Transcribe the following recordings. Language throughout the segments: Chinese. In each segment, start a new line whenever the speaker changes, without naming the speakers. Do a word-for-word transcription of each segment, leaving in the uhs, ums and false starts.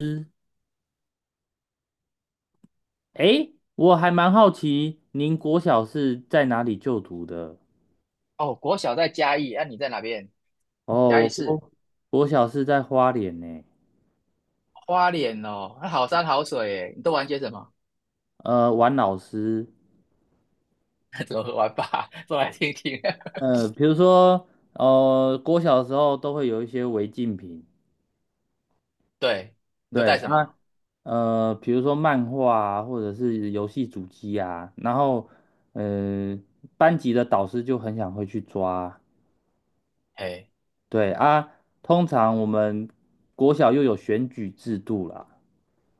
师哎，我还蛮好奇，您国小是在哪里就读的？
哦，国小在嘉义，那、你在哪边？
哦，
嘉义
我
市
国国小是在花莲呢。
花莲哦，那好山好水耶，你都玩些什么？
呃，玩老师，
怎么玩法？说来听听。
呃，比如说，呃，国小的时候都会有一些违禁品，
对，你都
对
带
啊，
什么？
呃，比如说漫画啊，或者是游戏主机啊，然后，呃，班级的导师就很想会去抓，
哎，
对啊，通常我们国小又有选举制度啦。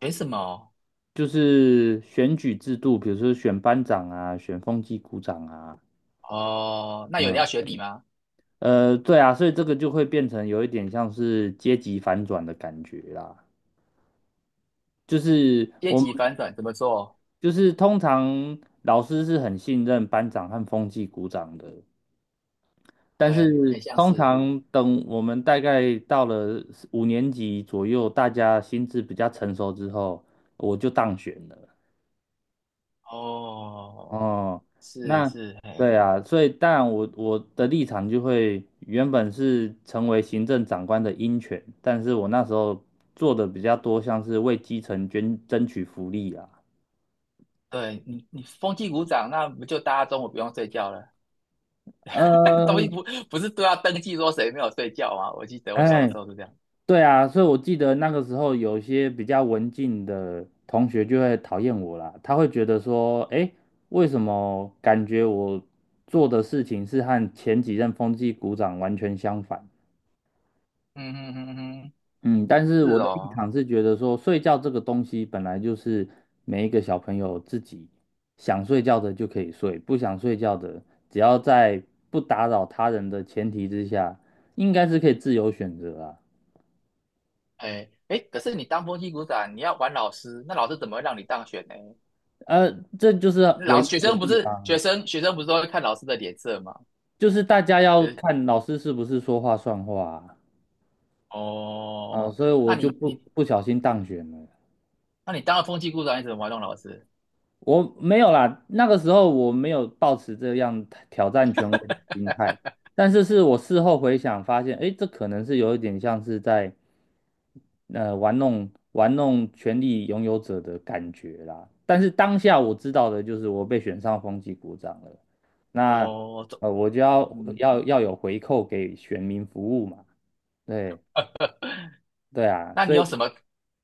学什么？
就是选举制度，比如说选班长啊，选风纪股长啊，
哦，那有人
嗯，
要学你吗？
呃，对啊，所以这个就会变成有一点像是阶级反转的感觉啦。就是
阶
我们
级反转怎么做？
就是通常老师是很信任班长和风纪股长的，但
哎，
是
很像
通
是。
常等我们大概到了五年级左右，大家心智比较成熟之后，我就当选了。
哦，
哦，
是
那
是，哎，
对啊，所以当然我我的立场就会原本是成为行政长官的鹰犬，但是我那时候做的比较多，像是为基层捐争取福利啊。
对你你风纪鼓掌，那不就大家中午不用睡觉了？东西
呃，
不不是都要登记说谁没有睡觉吗？我记得我小
哎，
时候是这样。
对啊，所以我记得那个时候有些比较文静的同学就会讨厌我啦，他会觉得说，哎，为什么感觉我做的事情是和前几任风纪股长完全相反？
嗯哼哼哼，嗯
嗯，但是我
是
的立
哦。
场是觉得说，睡觉这个东西本来就是每一个小朋友自己想睡觉的就可以睡，不想睡觉的，只要在不打扰他人的前提之下，应该是可以自由选择啊。
哎哎，可是你当风气股长，你要玩老师，那老师怎么会让你当选呢？
呃，这就是微
老
妙
学
的
生不
地
是
方，
学生，学生不是都会看老师的脸色吗？
就是大家要
就是
看老师是不是说话算话啊，啊，
哦，
所以我
那
就
你
不
你
不小心当选了。
那你当了风气股长，你怎么玩弄老师？
我没有啦，那个时候我没有抱持这样挑战权威的心态，但是是我事后回想发现，诶，这可能是有一点像是在呃玩弄玩弄权力拥有者的感觉啦。但是当下我知道的就是我被选上风纪股长了，那
哦，这
呃我就要
嗯，
要要有回扣给选民服务嘛，对对啊，
那你
所
有
以。
什么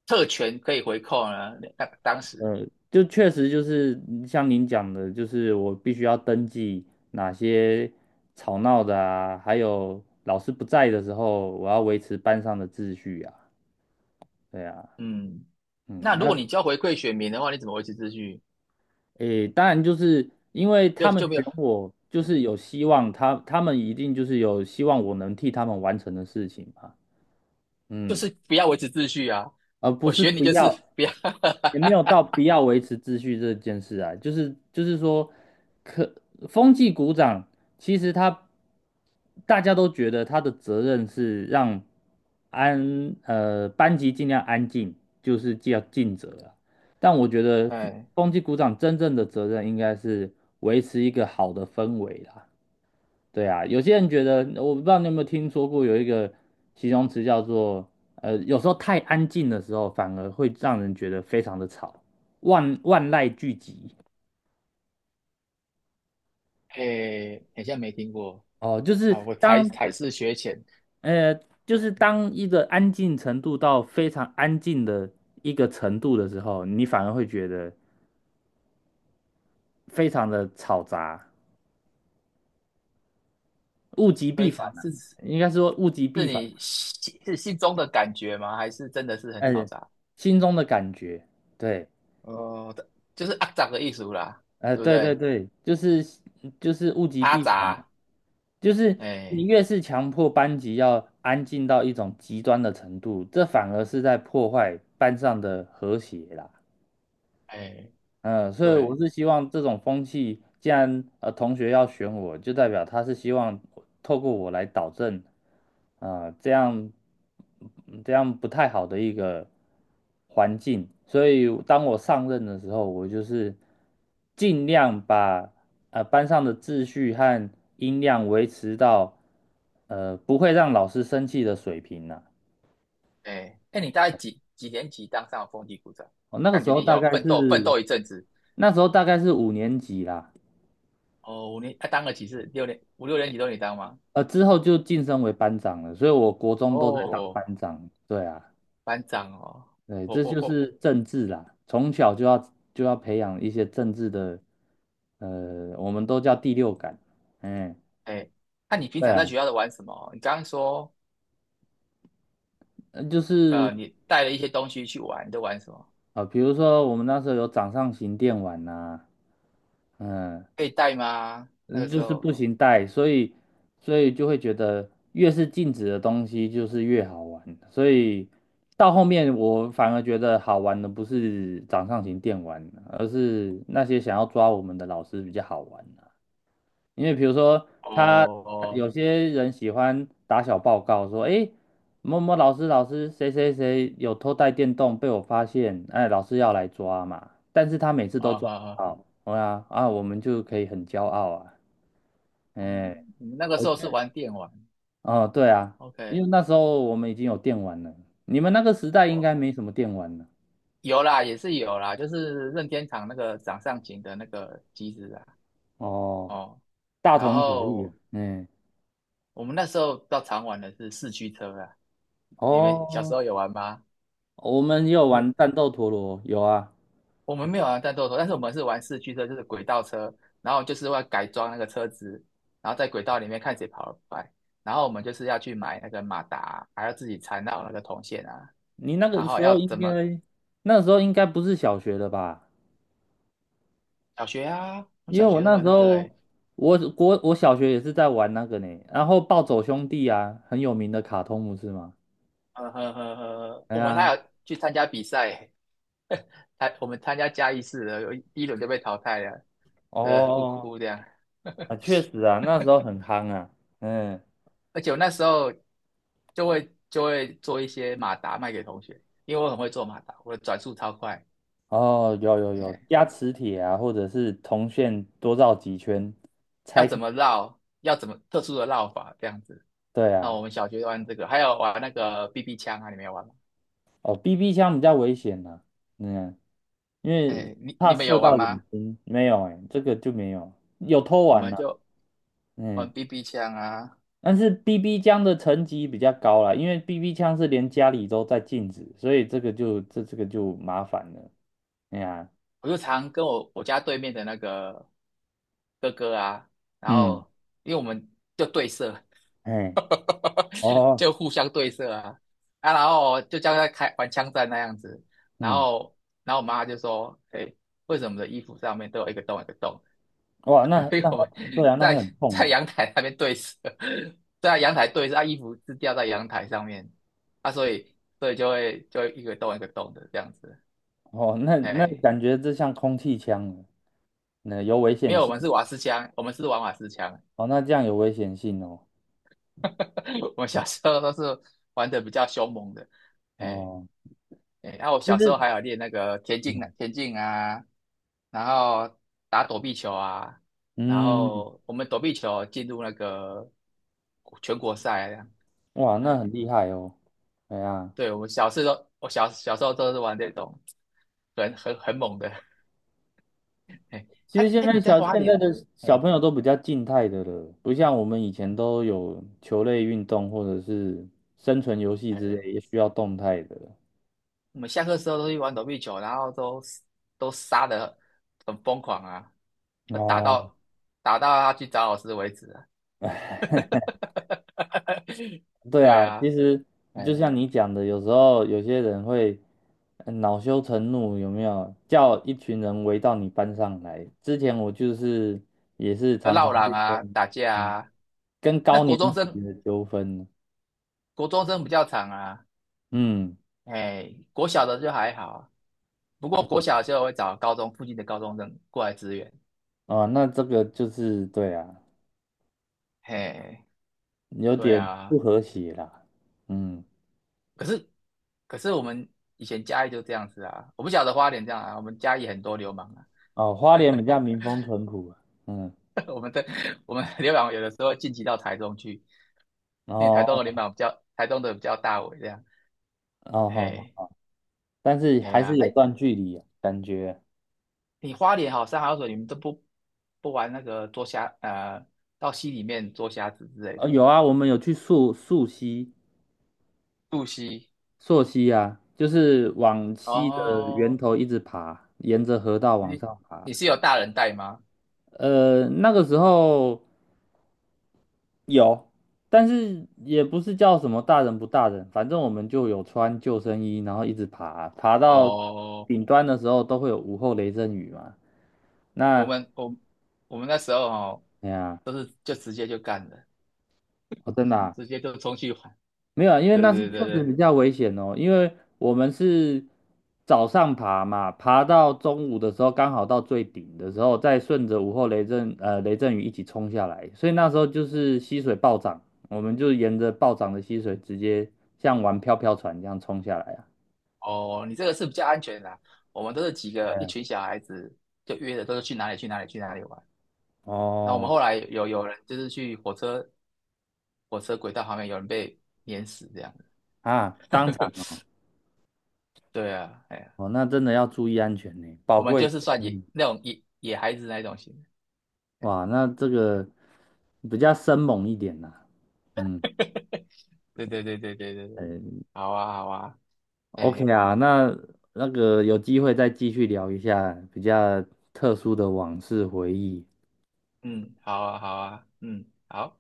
特权可以回扣呢？那当时，
呃，就确实就是像您讲的，就是我必须要登记哪些吵闹的啊，还有老师不在的时候，我要维持班上的秩序啊。对啊，
嗯，
嗯，
那如果
那
你就要回馈选民的话，你怎么维持秩序？
诶，当然就是因为
就
他们
就没有，
选我，就是有希望他，他们一定就是有希望我能替他们完成的事情嘛。
就
嗯。
是不要维持秩序啊！
而不
我
是
学你
不
就
要，
是不要，
也没有到不要维持秩序这件事啊，就是就是说，可风纪股长其实他大家都觉得他的责任是让安呃班级尽量安静，就是要尽责啊。但我觉 得
哎
风纪股长真正的责任应该是维持一个好的氛围啦。对啊，有些人觉得，我不知道你有没有听说过有一个形容词叫做，呃，有时候太安静的时候，反而会让人觉得非常的吵，万万籁俱寂。
哎，好像没听过。
哦，就是
啊，我才
当
才是学浅，
呃，就是当一个安静程度到非常安静的一个程度的时候，你反而会觉得非常的吵杂，物极必
非
反
常
啊，
是
应该
是
说物极必反，
你心是心中的感觉吗？还是真的是很嘈
呃，
杂？
心中的感觉，对。
哦，就是阿杂的艺术啦，
哎、
对不
对对
对？
对，就是就是物极
阿
必反嘛，
杂，
就是你
哎
越是强迫班级要安静到一种极端的程度，这反而是在破坏班上的和谐啦。
哎，
嗯，所以我
对，
是希望这种风气，既然呃同学要选我，就代表他是希望透过我来导正，啊、这样嗯这样不太好的一个环境。所以当我上任的时候，我就是尽量把呃班上的秩序和音量维持到呃不会让老师生气的水平呐、
哎哎，你大概几几年级当上风纪股长？
哦，那个
感
时
觉
候
你
大
要
概
奋斗奋
是
斗一阵子
那时候大概是五年级啦。
哦。五年，他、当了几次？六年，五六年级都你当吗？
呃，之后就晋升为班长了，所以我国中
哦，
都在当
哦，
班长。对啊，
班长哦，
对，
我
这
我
就
我，
是政治啦，从小就要就要培养一些政治的，呃，我们都叫第六感。嗯，
哎，那、你平
对
常在
啊，
学校都玩什么？你刚刚说，
呃就是
呃，你带了一些东西去玩，你都玩什么？
呃，比如说我们那时候有掌上型电玩呐、嗯，
可以带吗？那
嗯，
个时
就是
候，
不行带，所以所以就会觉得越是禁止的东西就是越好玩，所以到后面我反而觉得好玩的不是掌上型电玩，而是那些想要抓我们的老师比较好玩啊因为比如说他
哦，哦
有些人喜欢打小报告说，诶，某某老师老师谁谁谁有偷带电动被我发现，哎，老师要来抓嘛，但是他每次都
啊
抓
哈
不
哈，
到，对啊啊，我们就可以很骄傲啊。哎、
嗯，你们那个时候是
OK，
玩电玩
哦，对啊，因
，OK，
为那时候我们已经有电玩了，你们那个时代
哦，
应该没什么电玩了。
有啦，也是有啦，就是任天堂那个掌上型的那个机子啊，
哦，
哦，
大
然
同小异啊。
后
嗯，
我们那时候比较常玩的是四驱车啦，你们小时
哦，
候有玩吗？
我们也有玩
你
战斗陀螺，有啊。
我们没有玩战斗陀，但是我们是玩四驱车，就是轨道车，然后就是要改装那个车子，然后在轨道里面看谁跑得快，然后我们就是要去买那个马达，还要自己缠绕那个铜线啊，
你那
然
个
后
时候
要
应
怎么
该，那时候应该不是小学的吧？
小学啊，我们
因为
小
我
学都
那
玩
时
那个哎、
候，
欸
我国我小学也是在玩那个呢，然后暴走兄弟啊，很有名的卡通不是吗？
呵呵呵呵，
哎
我们
呀，
还有去参加比赛、欸，参我们参加嘉义市的，有一一轮就被淘汰了，呃，哭
哦，
哭这样，
啊，确实啊，那时候很夯啊，嗯，
而且我那时候就会就会做一些马达卖给同学，因为我很会做马达，我的转速超快，
哦，有有有，
哎，
加磁铁啊，或者是铜线多绕几圈
要
拆开。
怎么绕，要怎么特殊的绕法这样子。
对
那
啊，
我们小学玩这个，还有玩那个 B B 枪啊，你们有玩吗？
哦，B B 枪比较危险呐、嗯，因为
哎，你
怕
你们
射
有
到
玩
眼
吗？
睛。没有哎、这个就没有，有偷
我
玩
们
啦、
就
嗯，
玩 B B 枪啊，
但是 B B 枪的层级比较高啦，因为 B B 枪是连家里都在禁止，所以这个就这这个就麻烦了。哎呀、
我就常跟我我家对面的那个哥哥啊，然
嗯，
后因为我们就对射，
哎，哦，
就互相对射啊啊，然后就像在开玩枪战那样子，然
嗯，
后然后我妈就说，哎，为什么我们的衣服上面都有一个洞一个洞？
哇，那
因为
那
我们
对啊，那
在
很痛
在
哎、
阳台那边对射，在阳台对射，啊，衣服是吊在阳台上面，啊，所以所以就会就会一个洞一个洞的这样子，
哦，那那
哎，
感觉这像空气枪了，那有危
没
险
有，我
性。
们是瓦斯枪，我们是玩瓦斯枪，
哦，那这样有危险性哦。
我们小时候都是玩的比较凶猛的，哎。
哦，
哎，然后我
其
小时
实，
候还有练那个田径呢，
嗯，
田径啊，然后打躲避球啊，然
嗯
后我们躲避球进入那个全国赛啊
哇，那
哎，
很厉害哦。对啊，
对，我们小时候，我小小时候都是玩这种很很很猛的。哎，
其实
哎
现
哎，你
在
在
小
花
现在
莲？
的小
哎
朋友都比较静态的了，不像我们以前都有球类运动或者是生存游戏之
哎，
类，也需要动态的。
我们下课时候都去玩躲避球，然后都都杀的很疯狂啊，打
哦。
到打到他去找老师为止啊。
对
对
啊，
啊。
其实就
哎
像你讲的，有时候有些人会呃恼羞成怒，有没有？叫一群人围到你班上来。之前我就是也是
就
常常
闹嚷
会
啊、
跟
打架
同
啊。那国中
学
生，
的纠纷，
国中生比较长啊，
嗯，
哎，国小的就还好，不过国小的时候会找高中附近的高中生过来支援，
哦，那这个就是对啊，
嘿，
有
对
点不
啊，
和谐啦，嗯，
可是可是我们以前嘉义就这样子啊，我不晓得花莲这样啊，我们嘉义很多流氓啊，
哦，花莲比较民风淳朴啊嗯，
我们的我们流氓有的时候晋级到台中去，
然
因为台东
后
的流氓比较，台东的比较大尾这样，
哦
嘿，
好，但是
哎
还是
呀，
有
哎，
段距离啊感觉，
你花莲好，山好水，你们都不不玩那个捉虾，呃，到溪里面捉虾子之类
哦，
的，
有啊，我们有去溯溯溪。
渡溪。
溯溪啊，就是往溪的源
哦，
头一直爬，沿着河道往
你
上爬。
你是有大人带吗？
呃，那个时候有，但是也不是叫什么大人不大人，反正我们就有穿救生衣，然后一直爬，爬到
哦，
顶端的时候都会有午后雷阵雨嘛。
我
那
们我我们那时候哦，
哎呀，
都是就直接就干了，
我真的啊
直接就冲去玩。
没有啊，因为
对
那是
对
确
对
实
对，
比较危险哦，因为我们是早上爬嘛，爬到中午的时候，刚好到最顶的时候，再顺着午后雷阵呃雷阵雨一起冲下来，所以那时候就是溪水暴涨，我们就沿着暴涨的溪水直接像玩漂漂船一样冲下来啊。
哦，你这个是比较安全的啦我们都是几个一
哎，
群小孩子就约的，都是去哪里去哪里去哪里玩。那我们
哦
后来有有人就是去火车火车轨道旁边有人被碾死这样。
啊，当场哦，
对啊，哎呀，
哦，那真的要注意安全呢，宝
我们
贵
就
的
是算
生
野
命。
那种野野孩子那种型的，哎，
哇，那这个比较生猛一点呐、嗯，
对对对对对对对，
呃，
好啊好啊，
OK
哎，
啊，那那个有机会再继续聊一下比较特殊的往事回忆。
嗯，好啊好啊，嗯，好。